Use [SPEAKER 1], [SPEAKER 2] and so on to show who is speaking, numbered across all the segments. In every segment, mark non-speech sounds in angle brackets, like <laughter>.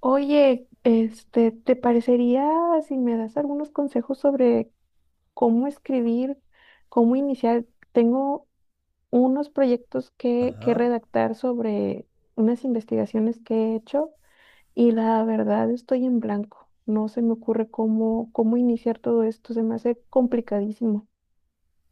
[SPEAKER 1] Oye, ¿te parecería si me das algunos consejos sobre cómo escribir, cómo iniciar? Tengo unos proyectos que
[SPEAKER 2] Ajá.
[SPEAKER 1] redactar sobre unas investigaciones que he hecho y la verdad estoy en blanco. No se me ocurre cómo iniciar todo esto, se me hace complicadísimo.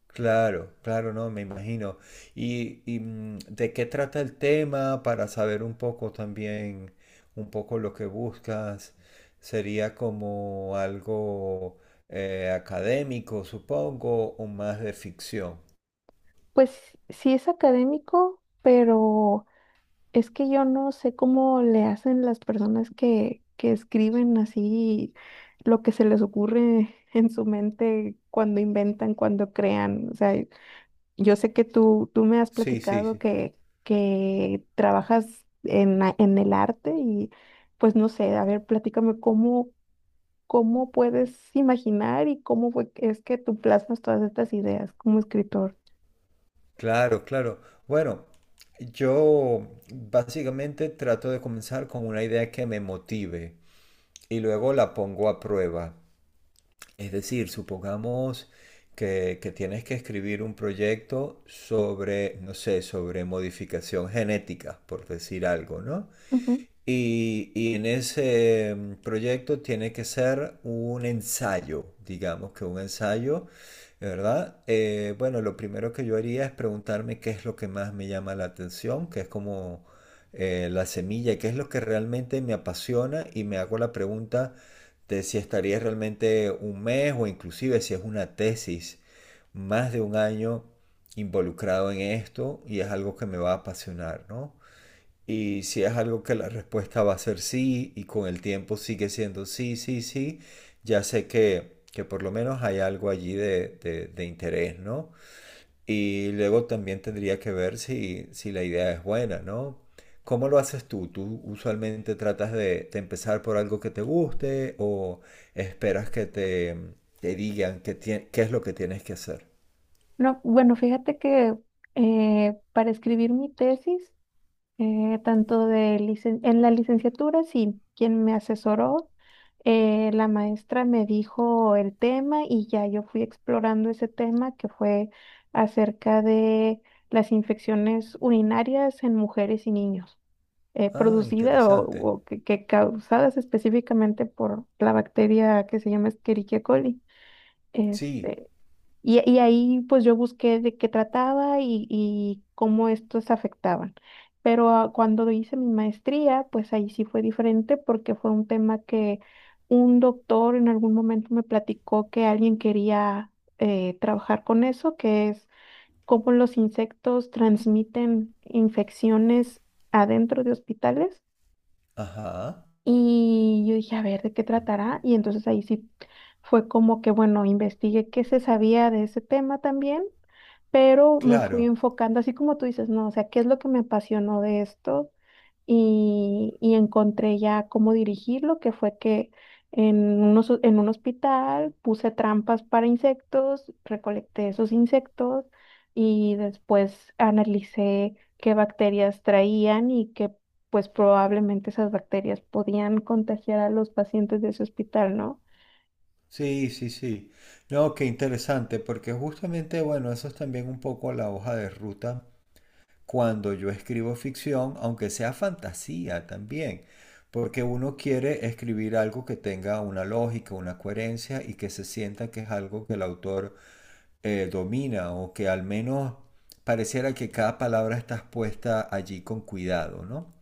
[SPEAKER 2] Claro, claro, no, me imagino. ¿Y, de qué trata el tema para saber un poco también, un poco lo que buscas? ¿Sería como algo académico, supongo, o más de ficción?
[SPEAKER 1] Pues sí es académico, pero es que yo no sé cómo le hacen las personas que escriben así lo que se les ocurre <laughs> en su mente cuando inventan, cuando crean. O sea, yo sé que tú me has
[SPEAKER 2] Sí, sí,
[SPEAKER 1] platicado
[SPEAKER 2] sí.
[SPEAKER 1] que trabajas en, en el arte y pues no sé, a ver, platícame cómo puedes imaginar y cómo es que tú plasmas todas estas ideas como escritor.
[SPEAKER 2] Claro, claro. Bueno, yo básicamente trato de comenzar con una idea que me motive y luego la pongo a prueba. Es decir, supongamos que tienes que escribir un proyecto sobre, no sé, sobre modificación genética, por decir algo, ¿no?
[SPEAKER 1] Ujú.
[SPEAKER 2] Y en ese proyecto tiene que ser un ensayo, digamos que un ensayo, ¿verdad? Bueno, lo primero que yo haría es preguntarme qué es lo que más me llama la atención, que es como la semilla, qué es lo que realmente me apasiona, y me hago la pregunta de si estaría realmente un mes o inclusive, si es una tesis, más de un año involucrado en esto, y es algo que me va a apasionar, ¿no? Y si es algo que la respuesta va a ser sí y con el tiempo sigue siendo sí, sí, sí, ya sé que por lo menos hay algo allí de interés, ¿no? Y luego también tendría que ver si, si la idea es buena, ¿no? ¿Cómo lo haces tú? ¿Tú usualmente tratas de empezar por algo que te guste, o esperas que te digan qué es lo que tienes que hacer?
[SPEAKER 1] No, bueno, fíjate que para escribir mi tesis, tanto en la licenciatura, sí, quien me asesoró, la maestra me dijo el tema y ya yo fui explorando ese tema que fue acerca de las infecciones urinarias en mujeres y niños,
[SPEAKER 2] Ah,
[SPEAKER 1] producidas
[SPEAKER 2] interesante.
[SPEAKER 1] o que causadas específicamente por la bacteria que se llama Escherichia coli.
[SPEAKER 2] Sí.
[SPEAKER 1] Este, y ahí pues yo busqué de qué trataba y cómo estos afectaban. Pero cuando hice mi maestría, pues ahí sí fue diferente porque fue un tema que un doctor en algún momento me platicó que alguien quería trabajar con eso, que es cómo los insectos transmiten infecciones adentro de hospitales.
[SPEAKER 2] Ajá.
[SPEAKER 1] Y yo dije, a ver, ¿de qué tratará? Y entonces ahí sí fue como que, bueno, investigué qué se sabía de ese tema también, pero me fui
[SPEAKER 2] Claro.
[SPEAKER 1] enfocando, así como tú dices, no, o sea, ¿qué es lo que me apasionó de esto? Y encontré ya cómo dirigirlo, que fue que en en un hospital puse trampas para insectos, recolecté esos insectos y después analicé qué bacterias traían y que pues probablemente esas bacterias podían contagiar a los pacientes de ese hospital, ¿no?
[SPEAKER 2] Sí, sí, sí. No, qué interesante, porque justamente, bueno, eso es también un poco la hoja de ruta cuando yo escribo ficción, aunque sea fantasía también, porque uno quiere escribir algo que tenga una lógica, una coherencia y que se sienta que es algo que el autor domina, o que al menos pareciera que cada palabra está puesta allí con cuidado, ¿no?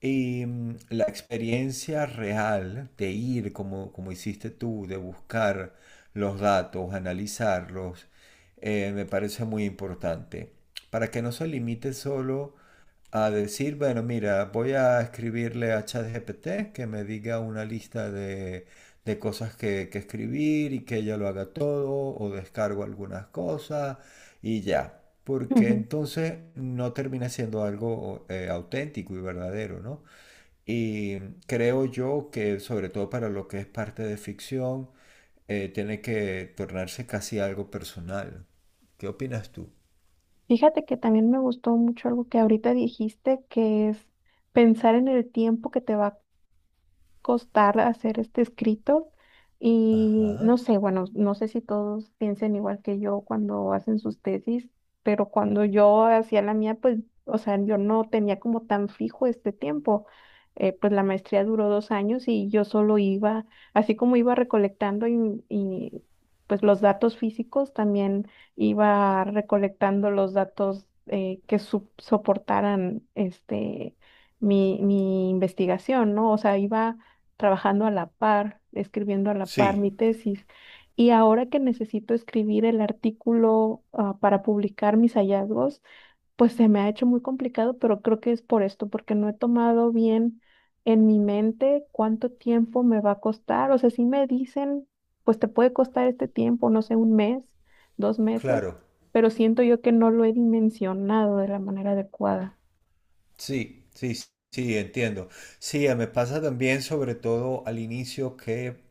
[SPEAKER 2] La experiencia real de ir, como, como hiciste tú, de buscar los datos, analizarlos, me parece muy importante. Para que no se limite solo a decir, bueno, mira, voy a escribirle a ChatGPT que me diga una lista de cosas que escribir y que ella lo haga todo, o descargo algunas cosas, y ya. Porque
[SPEAKER 1] <laughs>
[SPEAKER 2] entonces no termina siendo algo auténtico y verdadero, ¿no? Y creo yo que sobre todo para lo que es parte de ficción, tiene que tornarse casi algo personal. ¿Qué opinas tú?
[SPEAKER 1] Fíjate que también me gustó mucho algo que ahorita dijiste, que es pensar en el tiempo que te va costar hacer este escrito y no
[SPEAKER 2] Ajá.
[SPEAKER 1] sé, bueno, no sé si todos piensen igual que yo cuando hacen sus tesis, pero cuando yo hacía la mía, pues, o sea, yo no tenía como tan fijo este tiempo. Pues la maestría duró 2 años y yo solo iba, así como iba recolectando pues los datos físicos, también iba recolectando los datos que soportaran este mi, mi investigación, ¿no? O sea, iba trabajando a la par, escribiendo a la par
[SPEAKER 2] Sí,
[SPEAKER 1] mi tesis. Y ahora que necesito escribir el artículo, para publicar mis hallazgos, pues se me ha hecho muy complicado, pero creo que es por esto, porque no he tomado bien en mi mente cuánto tiempo me va a costar. O sea, si me dicen, pues te puede costar este tiempo, no sé, 1 mes, 2 meses,
[SPEAKER 2] claro.
[SPEAKER 1] pero siento yo que no lo he dimensionado de la manera adecuada.
[SPEAKER 2] Sí, sí, sí, entiendo. Sí, me pasa también sobre todo al inicio, que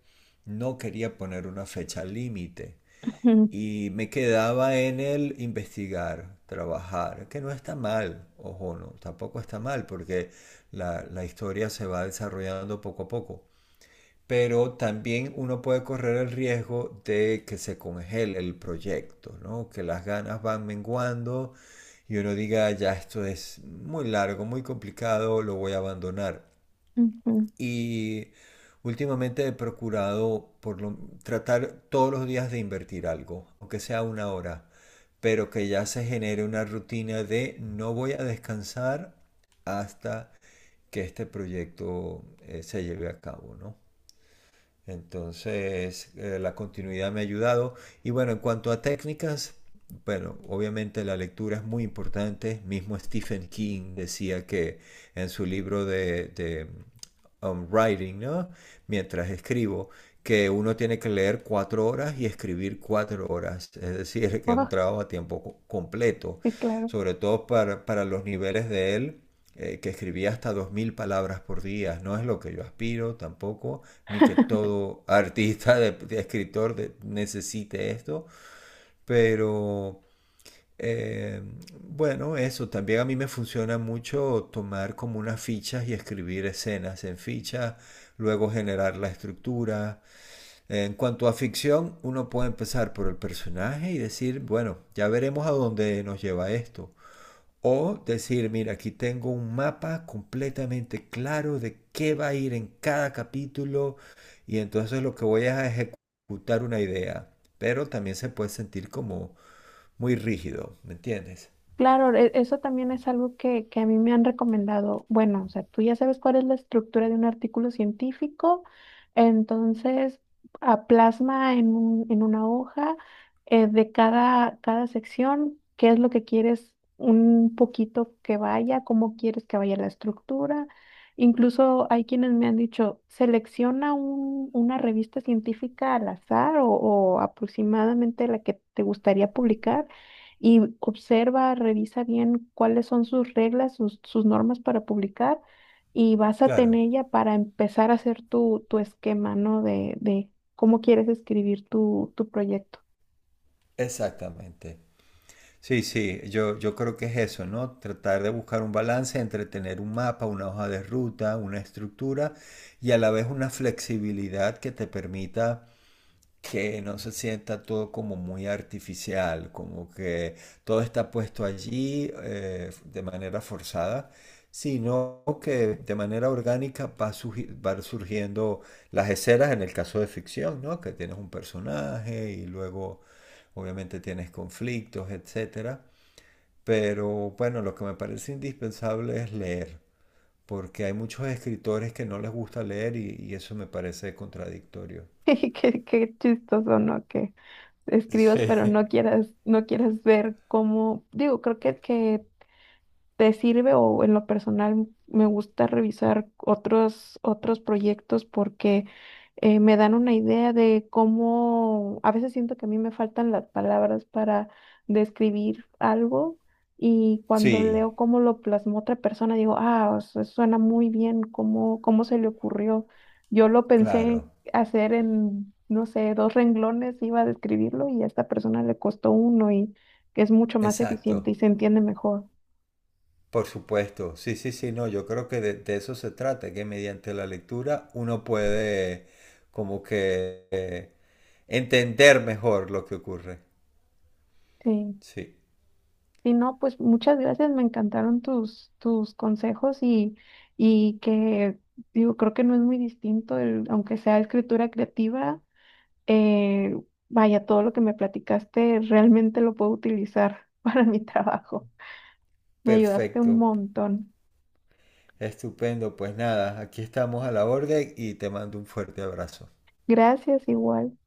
[SPEAKER 2] no quería poner una fecha límite.
[SPEAKER 1] Ujú.
[SPEAKER 2] Y me quedaba en el investigar, trabajar, que no está mal, ojo, no, tampoco está mal, porque la historia se va desarrollando poco a poco. Pero también uno puede correr el riesgo de que se congele el proyecto, ¿no? Que las ganas van menguando y uno diga, "Ah, ya esto es muy largo, muy complicado, lo voy a abandonar".
[SPEAKER 1] <laughs> Ujú.
[SPEAKER 2] Y últimamente he procurado tratar todos los días de invertir algo, aunque sea una hora, pero que ya se genere una rutina de no voy a descansar hasta que este proyecto se lleve a cabo, ¿no? Entonces, la continuidad me ha ayudado. Y bueno, en cuanto a técnicas, bueno, obviamente la lectura es muy importante. Mismo Stephen King decía que en su libro de Writing, ¿no? Mientras escribo, que uno tiene que leer 4 horas y escribir 4 horas. Es decir, <laughs> que es un
[SPEAKER 1] Ah,
[SPEAKER 2] trabajo a tiempo completo,
[SPEAKER 1] sí, claro.
[SPEAKER 2] sobre todo para los niveles de él, que escribía hasta 2.000 palabras por día. No es lo que yo aspiro tampoco, ni que todo <laughs> artista, de escritor, de, necesite esto, pero... Eh, bueno, eso también a mí me funciona mucho, tomar como unas fichas y escribir escenas en fichas, luego generar la estructura. En cuanto a ficción, uno puede empezar por el personaje y decir, bueno, ya veremos a dónde nos lleva esto. O decir, mira, aquí tengo un mapa completamente claro de qué va a ir en cada capítulo, y entonces lo que voy a ejecutar una idea. Pero también se puede sentir como muy rígido, ¿me entiendes?
[SPEAKER 1] Claro, eso también es algo que a mí me han recomendado. Bueno, o sea, tú ya sabes cuál es la estructura de un artículo científico, entonces a plasma en en una hoja de cada, cada sección qué es lo que quieres un poquito que vaya, cómo quieres que vaya la estructura. Incluso hay quienes me han dicho, selecciona una revista científica al azar o aproximadamente la que te gustaría publicar y observa, revisa bien cuáles son sus reglas, sus, sus normas para publicar y básate en
[SPEAKER 2] Claro,
[SPEAKER 1] ella para empezar a hacer tu, tu esquema, ¿no? De cómo quieres escribir tu, tu proyecto.
[SPEAKER 2] exactamente. Sí, sí, yo creo que es eso, ¿no? Tratar de buscar un balance entre tener un mapa, una hoja de ruta, una estructura, y a la vez una flexibilidad que te permita que no se sienta todo como muy artificial, como que todo está puesto allí de manera forzada, sino que de manera orgánica va, van surgiendo las escenas en el caso de ficción, ¿no? Que tienes un personaje y luego obviamente tienes conflictos, etcétera. Pero bueno, lo que me parece indispensable es leer, porque hay muchos escritores que no les gusta leer, y eso me parece contradictorio.
[SPEAKER 1] <laughs> Qué, qué chistoso, ¿no? Que escribas, pero
[SPEAKER 2] Sí.
[SPEAKER 1] no
[SPEAKER 2] <laughs>
[SPEAKER 1] quieras, no quieras ver cómo, digo, creo que te sirve. O en lo personal me gusta revisar otros, otros proyectos porque me dan una idea de cómo, a veces siento que a mí me faltan las palabras para describir algo y cuando
[SPEAKER 2] Sí.
[SPEAKER 1] leo cómo lo plasmó otra persona digo, ah, o sea, suena muy bien, cómo se le ocurrió. Yo lo pensé
[SPEAKER 2] Claro,
[SPEAKER 1] hacer en, no sé, 2 renglones, iba a describirlo y a esta persona le costó uno y es mucho más eficiente
[SPEAKER 2] exacto,
[SPEAKER 1] y se entiende mejor.
[SPEAKER 2] por supuesto. Sí, sí, sí, no, yo creo que de eso se trata, que mediante la lectura uno puede como que entender mejor lo que ocurre.
[SPEAKER 1] Sí.
[SPEAKER 2] Sí,
[SPEAKER 1] Sí, no, pues muchas gracias, me encantaron tus, tus consejos y que, digo, creo que no es muy distinto, aunque sea escritura creativa, eh, vaya, todo lo que me platicaste realmente lo puedo utilizar <laughs> para mi trabajo. Me ayudaste un
[SPEAKER 2] perfecto,
[SPEAKER 1] montón.
[SPEAKER 2] estupendo. Pues nada, aquí estamos a la orden y te mando un fuerte abrazo.
[SPEAKER 1] Gracias, igual.